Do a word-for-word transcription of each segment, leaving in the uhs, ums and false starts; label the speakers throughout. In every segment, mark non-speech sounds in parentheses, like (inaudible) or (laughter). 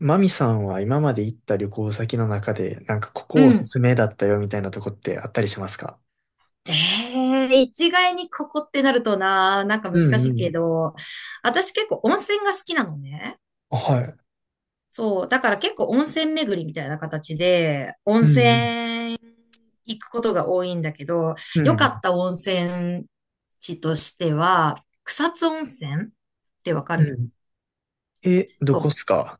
Speaker 1: マミさんは今まで行った旅行先の中で、なんかこ
Speaker 2: う
Speaker 1: こおす
Speaker 2: ん。
Speaker 1: すめだったよみたいなとこってあったりしますか？
Speaker 2: ええ、一概にここってなるとな、なんか
Speaker 1: う
Speaker 2: 難
Speaker 1: んう
Speaker 2: しいけ
Speaker 1: ん。
Speaker 2: ど、私結構温泉が好きなのね。
Speaker 1: あ、はい。
Speaker 2: そう。だから結構温泉巡りみたいな形で、温
Speaker 1: うん
Speaker 2: 泉行くことが多いんだけど、
Speaker 1: うん。う
Speaker 2: 良かっ
Speaker 1: ん
Speaker 2: た温泉地としては、草津温泉ってわか
Speaker 1: う
Speaker 2: る？
Speaker 1: ん。え、ど
Speaker 2: そ
Speaker 1: こっす
Speaker 2: う。
Speaker 1: か？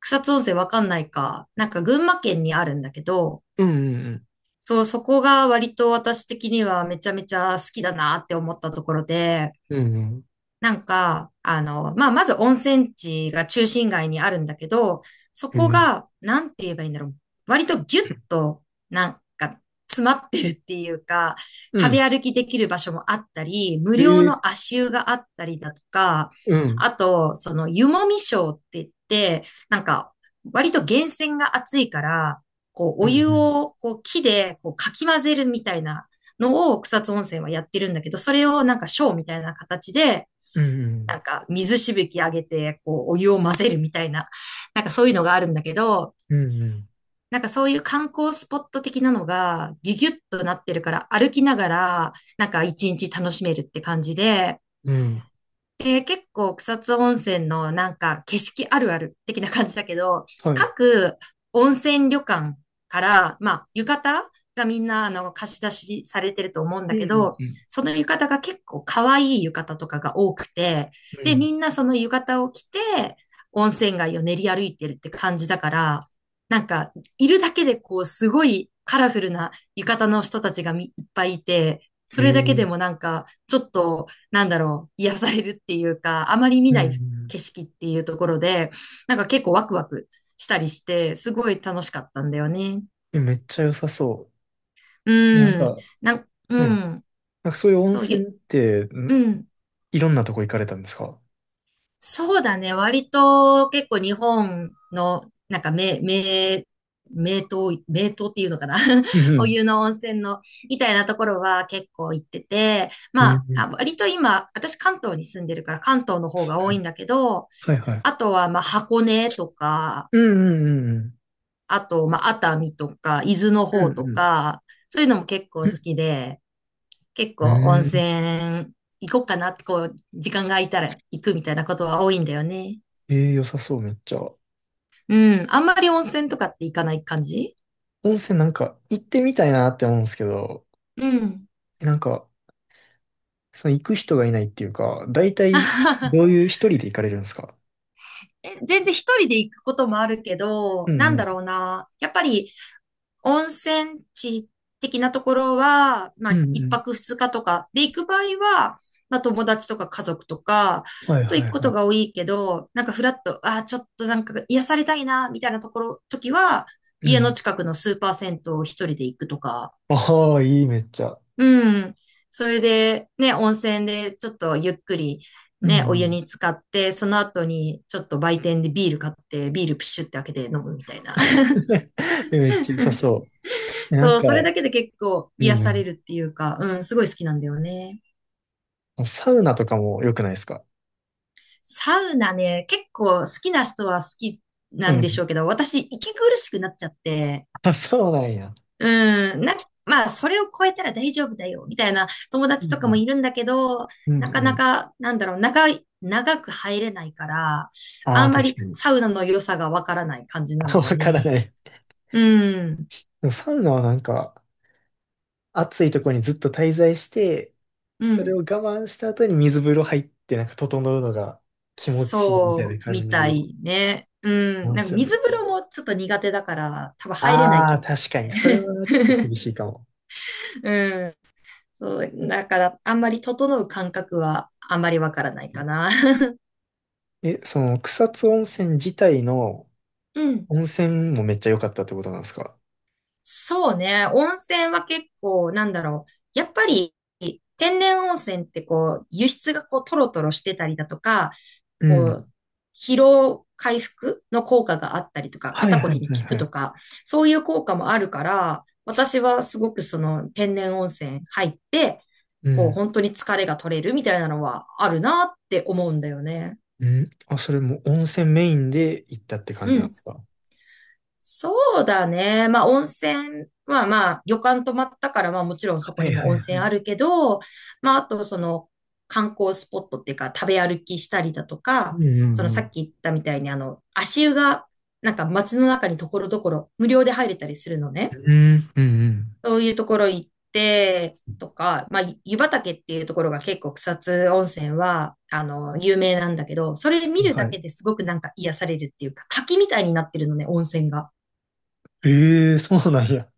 Speaker 2: 草津温泉わかんないか。なんか群馬県にあるんだけど、
Speaker 1: うんうん
Speaker 2: そう、そこが割と私的にはめちゃめちゃ好きだなって思ったところで、
Speaker 1: うん。
Speaker 2: なんか、あの、まあ、まず温泉地が中心街にあるんだけど、そ
Speaker 1: う
Speaker 2: こ
Speaker 1: ん
Speaker 2: が、なんて言えばいいんだろう。割とギュッと、なんか、詰まってるっていうか、
Speaker 1: う
Speaker 2: 食
Speaker 1: ん。
Speaker 2: べ歩きできる場所もあったり、無
Speaker 1: へ
Speaker 2: 料
Speaker 1: え、
Speaker 2: の足湯があったりだとか、
Speaker 1: うん。へえ、うん
Speaker 2: あと、その、湯もみショーって言って、なんか、割と源泉が熱いから、こう、
Speaker 1: う
Speaker 2: お
Speaker 1: んう
Speaker 2: 湯
Speaker 1: ん。
Speaker 2: を、こう、木で、こう、かき混ぜるみたいなのを草津温泉はやってるんだけど、それをなんかショーみたいな形で、
Speaker 1: うんうん。
Speaker 2: なんか水しぶき上げて、こう、お湯を混ぜるみたいな、なんかそういうのがあるんだけど、
Speaker 1: うんうん。
Speaker 2: なんかそういう観光スポット的なのがギュギュッとなってるから歩きながらなんか一日楽しめるって感じで、
Speaker 1: うん、
Speaker 2: えー結構草津温泉のなんか景色あるある的な感じだけど、
Speaker 1: はい。うん
Speaker 2: 各温泉旅館から、まあ浴衣がみんなあの貸し出しされてると思うん
Speaker 1: う
Speaker 2: だけ
Speaker 1: ん
Speaker 2: ど、
Speaker 1: うん。
Speaker 2: その浴衣が結構可愛い浴衣とかが多くて、
Speaker 1: う
Speaker 2: で、
Speaker 1: ん、
Speaker 2: みんなその浴衣を着て温泉街を練り歩いてるって感じだから、なんかいるだけでこうすごいカラフルな浴衣の人たちがみいっぱいいて、
Speaker 1: へ
Speaker 2: それだけ
Speaker 1: え。
Speaker 2: でもなんかちょっとなんだろう、癒されるっていうか、あまり見
Speaker 1: う
Speaker 2: ない
Speaker 1: ん。
Speaker 2: 景色っていうところで、なんか結構ワクワクしたりして、すごい楽しかったんだよね。
Speaker 1: え、めっちゃ良さそう。なん
Speaker 2: うん。
Speaker 1: か、
Speaker 2: なん、
Speaker 1: うん。
Speaker 2: う
Speaker 1: なん
Speaker 2: ん。
Speaker 1: かそういう温
Speaker 2: そう、
Speaker 1: 泉
Speaker 2: ゆ、
Speaker 1: って、ん
Speaker 2: うん。
Speaker 1: いろんなとこ行かれたんですか？
Speaker 2: そうだね。割と結構日本の、なんか名、名、名湯、名湯っていうのかな。
Speaker 1: う
Speaker 2: (laughs) お
Speaker 1: ん
Speaker 2: 湯の温泉の、みたいなところは結構行ってて、
Speaker 1: う
Speaker 2: ま
Speaker 1: ん。
Speaker 2: あ、
Speaker 1: へえ、
Speaker 2: あ割と今、私関東に住んでるから関東の方が多いんだけど、
Speaker 1: はいはい。
Speaker 2: あとは、まあ、箱根とか、
Speaker 1: うんうんうんうん。
Speaker 2: あと、まあ、熱海とか、伊豆の
Speaker 1: う
Speaker 2: 方と
Speaker 1: ん
Speaker 2: か、そういうのも結構好きで、結
Speaker 1: う
Speaker 2: 構温
Speaker 1: ん、うーん。
Speaker 2: 泉行こうかなって、こう、時間が空いたら行くみたいなことは多いんだよね。
Speaker 1: えー、良さそう、めっちゃ。
Speaker 2: うん。あんまり温泉とかって行かない感じ？
Speaker 1: 温泉なんか行ってみたいなって思うんですけど、
Speaker 2: うん。
Speaker 1: なんか、その行く人がいないっていうか、大体どういう
Speaker 2: (laughs)
Speaker 1: 一人で行かれるんですか？
Speaker 2: え、全然一人で行くこともあるけ
Speaker 1: う
Speaker 2: ど、
Speaker 1: ん
Speaker 2: な
Speaker 1: う
Speaker 2: んだ
Speaker 1: ん。
Speaker 2: ろうな。やっぱり温泉地的なところは、ま
Speaker 1: うん
Speaker 2: あ
Speaker 1: う
Speaker 2: 一
Speaker 1: ん。
Speaker 2: 泊二日とかで行く場合は、まあ友達とか家族とか
Speaker 1: はい
Speaker 2: と
Speaker 1: は
Speaker 2: 行く
Speaker 1: い
Speaker 2: こ
Speaker 1: は
Speaker 2: とが多
Speaker 1: い。
Speaker 2: いけど、なんかフラッと、ああ、ちょっとなんか癒されたいな、みたいなところ、時は、
Speaker 1: う
Speaker 2: 家の
Speaker 1: ん。
Speaker 2: 近くのスーパー銭湯を一人で行くとか、
Speaker 1: ああ、いい、めっちゃ。
Speaker 2: うん。それで、ね、温泉でちょっとゆっくり、
Speaker 1: うんう
Speaker 2: ね、お湯
Speaker 1: ん。
Speaker 2: に浸かって、その後にちょっと売店でビール買って、ビールプシュって開けて飲むみたいな。(laughs)
Speaker 1: (laughs) え、めっちゃ良さそう。なん
Speaker 2: そう、
Speaker 1: か、
Speaker 2: それだけで結構
Speaker 1: う
Speaker 2: 癒され
Speaker 1: ん
Speaker 2: るっていうか、うん、すごい好きなんだよね。
Speaker 1: うん。サウナとかも良くないですか？
Speaker 2: サウナね、結構好きな人は好き
Speaker 1: う
Speaker 2: なんでしょ
Speaker 1: ん。
Speaker 2: うけど、私、息苦しくなっちゃって、
Speaker 1: あ、そうなんや。
Speaker 2: うん、な、まあ、それを超えたら大丈夫だよ、みたいな友
Speaker 1: う
Speaker 2: 達とかも
Speaker 1: ん
Speaker 2: いるんだけど、
Speaker 1: うん。うん
Speaker 2: な
Speaker 1: う
Speaker 2: かな
Speaker 1: ん。
Speaker 2: か、なんだろう、長い、長く入れないから、
Speaker 1: あ
Speaker 2: あ
Speaker 1: あ、
Speaker 2: んま
Speaker 1: 確
Speaker 2: り
Speaker 1: かに。
Speaker 2: サウナの良さがわからない感じな
Speaker 1: (laughs)
Speaker 2: んだ
Speaker 1: わ
Speaker 2: よ
Speaker 1: から
Speaker 2: ね。
Speaker 1: ない。
Speaker 2: うん、
Speaker 1: でもサウナはなんか、暑いところにずっと滞在して、
Speaker 2: う
Speaker 1: それを
Speaker 2: ん。
Speaker 1: 我慢した後に水風呂入って、なんか整うのが気持ちいいみたいな
Speaker 2: そう、み
Speaker 1: 感
Speaker 2: た
Speaker 1: じ
Speaker 2: いね。う
Speaker 1: な
Speaker 2: ん、
Speaker 1: んで
Speaker 2: なんか
Speaker 1: すよ
Speaker 2: 水
Speaker 1: ね。
Speaker 2: 風呂もちょっと苦手だから、多分入れない
Speaker 1: あ
Speaker 2: 気
Speaker 1: あ、
Speaker 2: がし
Speaker 1: 確かに。それ
Speaker 2: て。
Speaker 1: はちょっと厳しいかも。
Speaker 2: (laughs) うん、そう、だから、あんまり整う感覚はあんまりわからないかな。(laughs)
Speaker 1: え、その草津温泉自体の
Speaker 2: うん。
Speaker 1: 温泉もめっちゃ良かったってことなんですか？
Speaker 2: そうね。温泉は結構、なんだろう。やっぱり、天然温泉ってこう、輸出がこう、トロトロしてたりだとか、
Speaker 1: う
Speaker 2: こ
Speaker 1: ん。
Speaker 2: う、疲労回復の効果があったりとか、
Speaker 1: はい
Speaker 2: 肩こ
Speaker 1: は
Speaker 2: り
Speaker 1: い
Speaker 2: に効
Speaker 1: はい
Speaker 2: く
Speaker 1: は
Speaker 2: と
Speaker 1: い。
Speaker 2: か、そういう効果もあるから、私はすごくその天然温泉入って、
Speaker 1: う
Speaker 2: こう、
Speaker 1: ん。
Speaker 2: 本当に疲れが取れるみたいなのはあるなって思うんだよね。
Speaker 1: うん。あ、それも温泉メインで行ったって感
Speaker 2: う
Speaker 1: じなんで
Speaker 2: ん。
Speaker 1: すか？
Speaker 2: そうだね。まあ、温泉は、まあ、旅館泊まったから、まあ、もちろんそこ
Speaker 1: はい
Speaker 2: にも
Speaker 1: はい
Speaker 2: 温
Speaker 1: はい。
Speaker 2: 泉あるけど、まあ、あと、その、観光スポットっていうか、食べ歩きしたりだと
Speaker 1: う
Speaker 2: か、
Speaker 1: んう
Speaker 2: その、
Speaker 1: んう
Speaker 2: さ
Speaker 1: ん。
Speaker 2: っき言ったみたいに、あの、足湯が、なんか、街の中にところどころ、無料で入れたりするの
Speaker 1: う
Speaker 2: ね。
Speaker 1: んうん
Speaker 2: そういうところ行って、とか、まあ、湯畑っていうところが結構草津温泉は、あの、有名なんだけど、それ見
Speaker 1: うん。
Speaker 2: る
Speaker 1: は
Speaker 2: だけ
Speaker 1: い。
Speaker 2: ですごくなんか癒されるっていうか、滝みたいになってるのね、温泉が。
Speaker 1: ええ、そうなんや。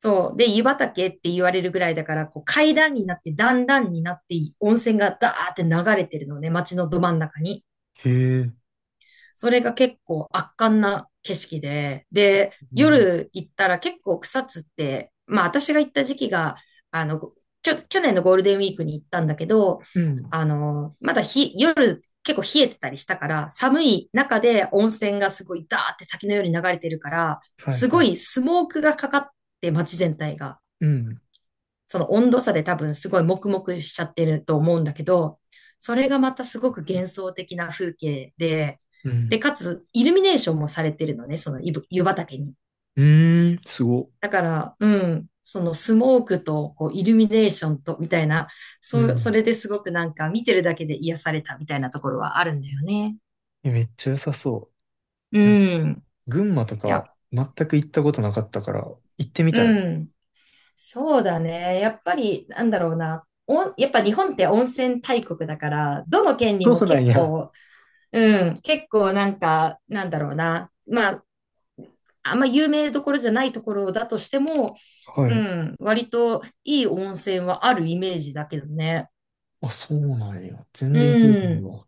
Speaker 2: そう。で、湯畑って言われるぐらいだから、こう階段になって、段々になって、温泉がダーって流れてるのね、街のど真ん中に。
Speaker 1: へえ、
Speaker 2: それが結構圧巻な景色で、で、
Speaker 1: うん、
Speaker 2: 夜行ったら結構草津って、まあ私が行った時期が、あの、きょ、去年のゴールデンウィークに行ったんだけど、
Speaker 1: うん。
Speaker 2: あの、まだ日、夜結構冷えてたりしたから、寒い中で温泉がすごいダーって滝のように流れてるから、
Speaker 1: はい
Speaker 2: す
Speaker 1: は
Speaker 2: ご
Speaker 1: い。
Speaker 2: いスモークがかかって街全体が。
Speaker 1: うん。
Speaker 2: その温度差で多分すごい黙々しちゃってると思うんだけど、それがまたすごく幻想的な風景で、
Speaker 1: う
Speaker 2: で、
Speaker 1: ん、
Speaker 2: かつイルミネーションもされてるのね、その湯湯畑に。
Speaker 1: うーん、すご。
Speaker 2: だから、うん、そのスモークとこうイルミネーションとみたいな、
Speaker 1: う
Speaker 2: そそ
Speaker 1: ん。
Speaker 2: れですごくなんか見てるだけで癒されたみたいなところはあるんだよね。
Speaker 1: え、めっちゃ良さそ
Speaker 2: う
Speaker 1: う。え、
Speaker 2: ん。
Speaker 1: 群馬と
Speaker 2: い
Speaker 1: か
Speaker 2: や、
Speaker 1: 全く行ったことなかったから行ってみたいの。
Speaker 2: うん。そうだね。やっぱり、なんだろうな。おんやっぱ日本って温泉大国だから、どの県にも
Speaker 1: そうなん
Speaker 2: 結
Speaker 1: や。
Speaker 2: 構、うん、結構なんか、なんだろうな。まあ、あんま有名どころじゃないところだとしても、
Speaker 1: は
Speaker 2: う
Speaker 1: い。
Speaker 2: ん、割といい温泉はあるイメージだけどね。
Speaker 1: あ、そうなんや。全
Speaker 2: う
Speaker 1: 然行ったことない
Speaker 2: ん。
Speaker 1: わ。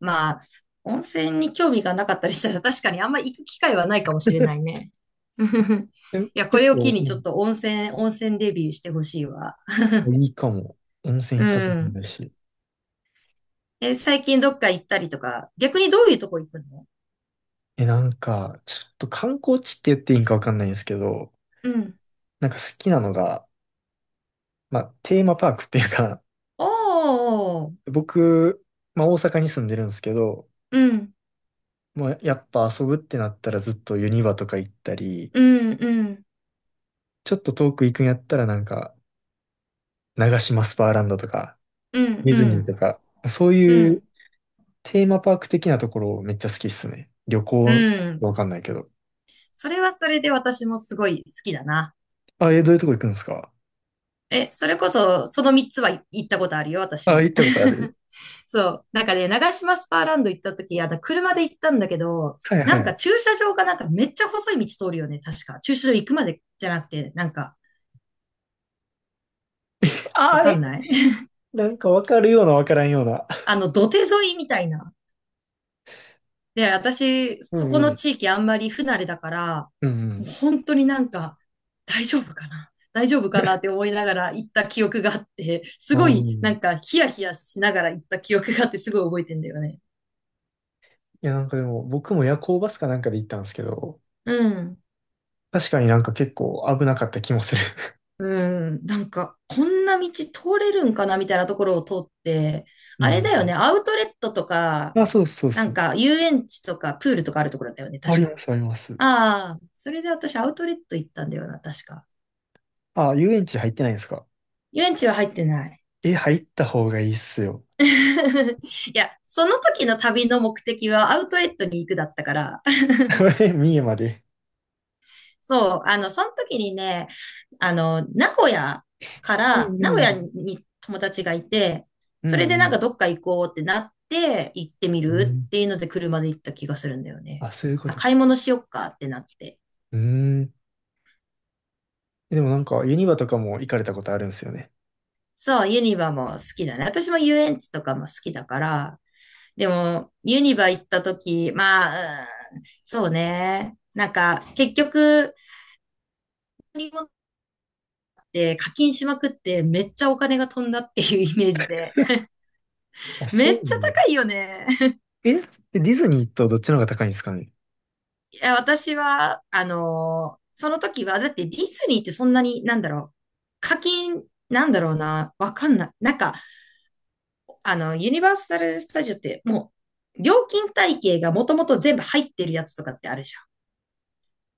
Speaker 2: まあ、温泉に興味がなかったりしたら確かにあんま行く機会はないかもしれないね。(laughs)
Speaker 1: (laughs) え、
Speaker 2: いや、こ
Speaker 1: 結
Speaker 2: れを機
Speaker 1: 構、
Speaker 2: に
Speaker 1: う
Speaker 2: ちょっ
Speaker 1: ん。
Speaker 2: と温泉、温泉デビューしてほしいわ。
Speaker 1: いいかも。温泉
Speaker 2: う
Speaker 1: 行ったこと
Speaker 2: ん。
Speaker 1: ないし。
Speaker 2: え、最近どっか行ったりとか、逆にどういうとこ行くの？
Speaker 1: え、なんか、ちょっと観光地って言っていいんかわかんないんですけど、
Speaker 2: うん。
Speaker 1: なんか好きなのが、まあ、テーマパークっていうか、
Speaker 2: おー。
Speaker 1: 僕、まあ、大阪に住んでるんですけど、
Speaker 2: うん。
Speaker 1: もうやっぱ遊ぶってなったらずっとユニバとか行ったり、
Speaker 2: うん、うん。
Speaker 1: ちょっと遠く行くんやったらなんか、長島スパーランドとか、
Speaker 2: うん、
Speaker 1: ディ
Speaker 2: う
Speaker 1: ズニー
Speaker 2: ん。
Speaker 1: とか、そう
Speaker 2: う
Speaker 1: いう
Speaker 2: ん。
Speaker 1: テーマパーク的なところめっちゃ好きっすね。旅
Speaker 2: う
Speaker 1: 行、
Speaker 2: ん。
Speaker 1: わかんないけど。
Speaker 2: それはそれで私もすごい好きだな。
Speaker 1: あ、え、どういうとこ行くんですか？
Speaker 2: え、それこそ、そのみっつは行ったことあるよ、私
Speaker 1: あ、
Speaker 2: も。
Speaker 1: 行ったことある？
Speaker 2: (laughs) そう。なんかね、長島スパーランド行った時、あの、車で行ったんだけど、
Speaker 1: はいは
Speaker 2: なん
Speaker 1: い。
Speaker 2: か駐車場がなんかめっちゃ細い道通るよね、確か。駐車場行くまでじゃなくて、なんか、わ
Speaker 1: あ、
Speaker 2: かん
Speaker 1: え、
Speaker 2: ない？
Speaker 1: なんかわかるようなわからんような。
Speaker 2: (laughs) あの、土手沿いみたいな。で、私、
Speaker 1: う
Speaker 2: そ
Speaker 1: ん
Speaker 2: こ
Speaker 1: う
Speaker 2: の
Speaker 1: ん。
Speaker 2: 地域あんまり不慣れだから、
Speaker 1: う
Speaker 2: も
Speaker 1: ん
Speaker 2: う本当になんか、大丈夫かな大丈夫かなって思いながら行った記憶があって、す
Speaker 1: うん。
Speaker 2: ご
Speaker 1: あ
Speaker 2: いな
Speaker 1: ん。
Speaker 2: んかヒヤヒヤしながら行った記憶があってすごい覚えてんだよね。
Speaker 1: いや、なんかでも、僕も夜行バスかなんかで行ったんですけど、
Speaker 2: うん。
Speaker 1: 確かになんか結構危なかった気もする。
Speaker 2: うん。なんか、こんな道通れるんかなみたいなところを通って、
Speaker 1: う
Speaker 2: あれだよね、
Speaker 1: ん。
Speaker 2: アウトレットとか、
Speaker 1: あ、そうそう
Speaker 2: な
Speaker 1: そ
Speaker 2: ん
Speaker 1: う。
Speaker 2: か遊園地とかプールとかあるところだよね、
Speaker 1: あ
Speaker 2: 確
Speaker 1: り
Speaker 2: か。
Speaker 1: ます、あります。
Speaker 2: ああ、それで私アウトレット行ったんだよな、確か。
Speaker 1: あ、遊園地入ってないんですか？
Speaker 2: 遊園地は入ってない。
Speaker 1: え、入った方がいいっすよ。
Speaker 2: (laughs) いや、その時の旅の目的はアウトレットに行くだったから。
Speaker 1: (laughs) 三重まで。
Speaker 2: (laughs) そう、あの、その時にね、あの、名古屋か
Speaker 1: う
Speaker 2: ら、
Speaker 1: ん
Speaker 2: 名古
Speaker 1: う
Speaker 2: 屋
Speaker 1: ん。
Speaker 2: に友達がいて、
Speaker 1: う
Speaker 2: それ
Speaker 1: んう
Speaker 2: でなんか
Speaker 1: ん。
Speaker 2: どっか行こうってなって、行ってみ
Speaker 1: う
Speaker 2: るっ
Speaker 1: ん。
Speaker 2: ていうので車で行った気がするんだよね。
Speaker 1: あ、そういうこ
Speaker 2: あ、
Speaker 1: とか。
Speaker 2: 買い物しよっかってなって。
Speaker 1: うーん。でもなんか、ユニバとかも行かれたことあるんですよね。
Speaker 2: そう、ユニバも好きだね。私も遊園地とかも好きだから、でも、ユニバ行った時、まあ、うん。そうね。なんか、結局、り物って課金しまくってめっちゃお金が飛んだっていうイメージで、
Speaker 1: あ、そ
Speaker 2: め
Speaker 1: う
Speaker 2: っちゃ
Speaker 1: ね。
Speaker 2: 高いよね。(laughs)
Speaker 1: え、ディズニーとどっちの方が高いんですかね？
Speaker 2: いや、私は、あのーその時は、だってディズニーってそんなに、なんだろう、課金、なんだろうな、わかんない。なんか、あの、ユニバーサル・スタジオってもう、料金体系がもともと全部入ってるやつとかってあるじゃん。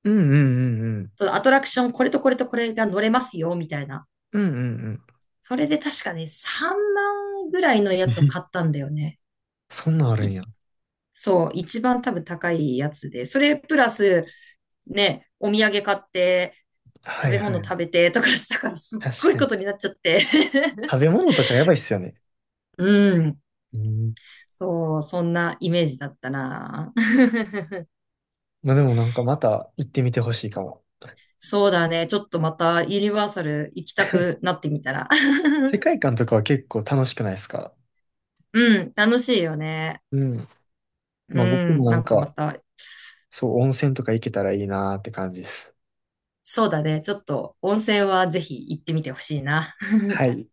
Speaker 1: うんうんうんうん。
Speaker 2: そのアトラクション、これとこれとこれが乗れますよ、みたいな。
Speaker 1: うんうん
Speaker 2: それで確かね、さんまんぐらいのや
Speaker 1: うん。
Speaker 2: つを
Speaker 1: え、
Speaker 2: 買ったんだよね。
Speaker 1: そんなんあるん
Speaker 2: 1
Speaker 1: や。
Speaker 2: そう、一番多分高いやつで、それプラス、ね、お土産買って、
Speaker 1: は
Speaker 2: 食
Speaker 1: い
Speaker 2: べ物
Speaker 1: は
Speaker 2: 食
Speaker 1: い。
Speaker 2: べてとかしたからすっ
Speaker 1: 確
Speaker 2: ごい
Speaker 1: か
Speaker 2: こ
Speaker 1: に。
Speaker 2: とになっちゃって。
Speaker 1: 食べ物とかやばいっすよね。
Speaker 2: (laughs) うん。
Speaker 1: うん。
Speaker 2: そう、そんなイメージだったな。
Speaker 1: まあでもなんかまた行ってみてほしいかも。
Speaker 2: (laughs) そうだね。ちょっとまたユニバーサル行きたくなってみたら。
Speaker 1: 世
Speaker 2: (laughs)
Speaker 1: 界観とかは結構楽しくないですか？
Speaker 2: うん、楽しいよね。
Speaker 1: うん。
Speaker 2: う
Speaker 1: まあ僕も
Speaker 2: ん、
Speaker 1: な
Speaker 2: な
Speaker 1: ん
Speaker 2: んかま
Speaker 1: か、
Speaker 2: た、
Speaker 1: そう、温泉とか行けたらいいなーって感じです。
Speaker 2: そうだね。ちょっと温泉はぜひ行ってみてほしいな。
Speaker 1: はい。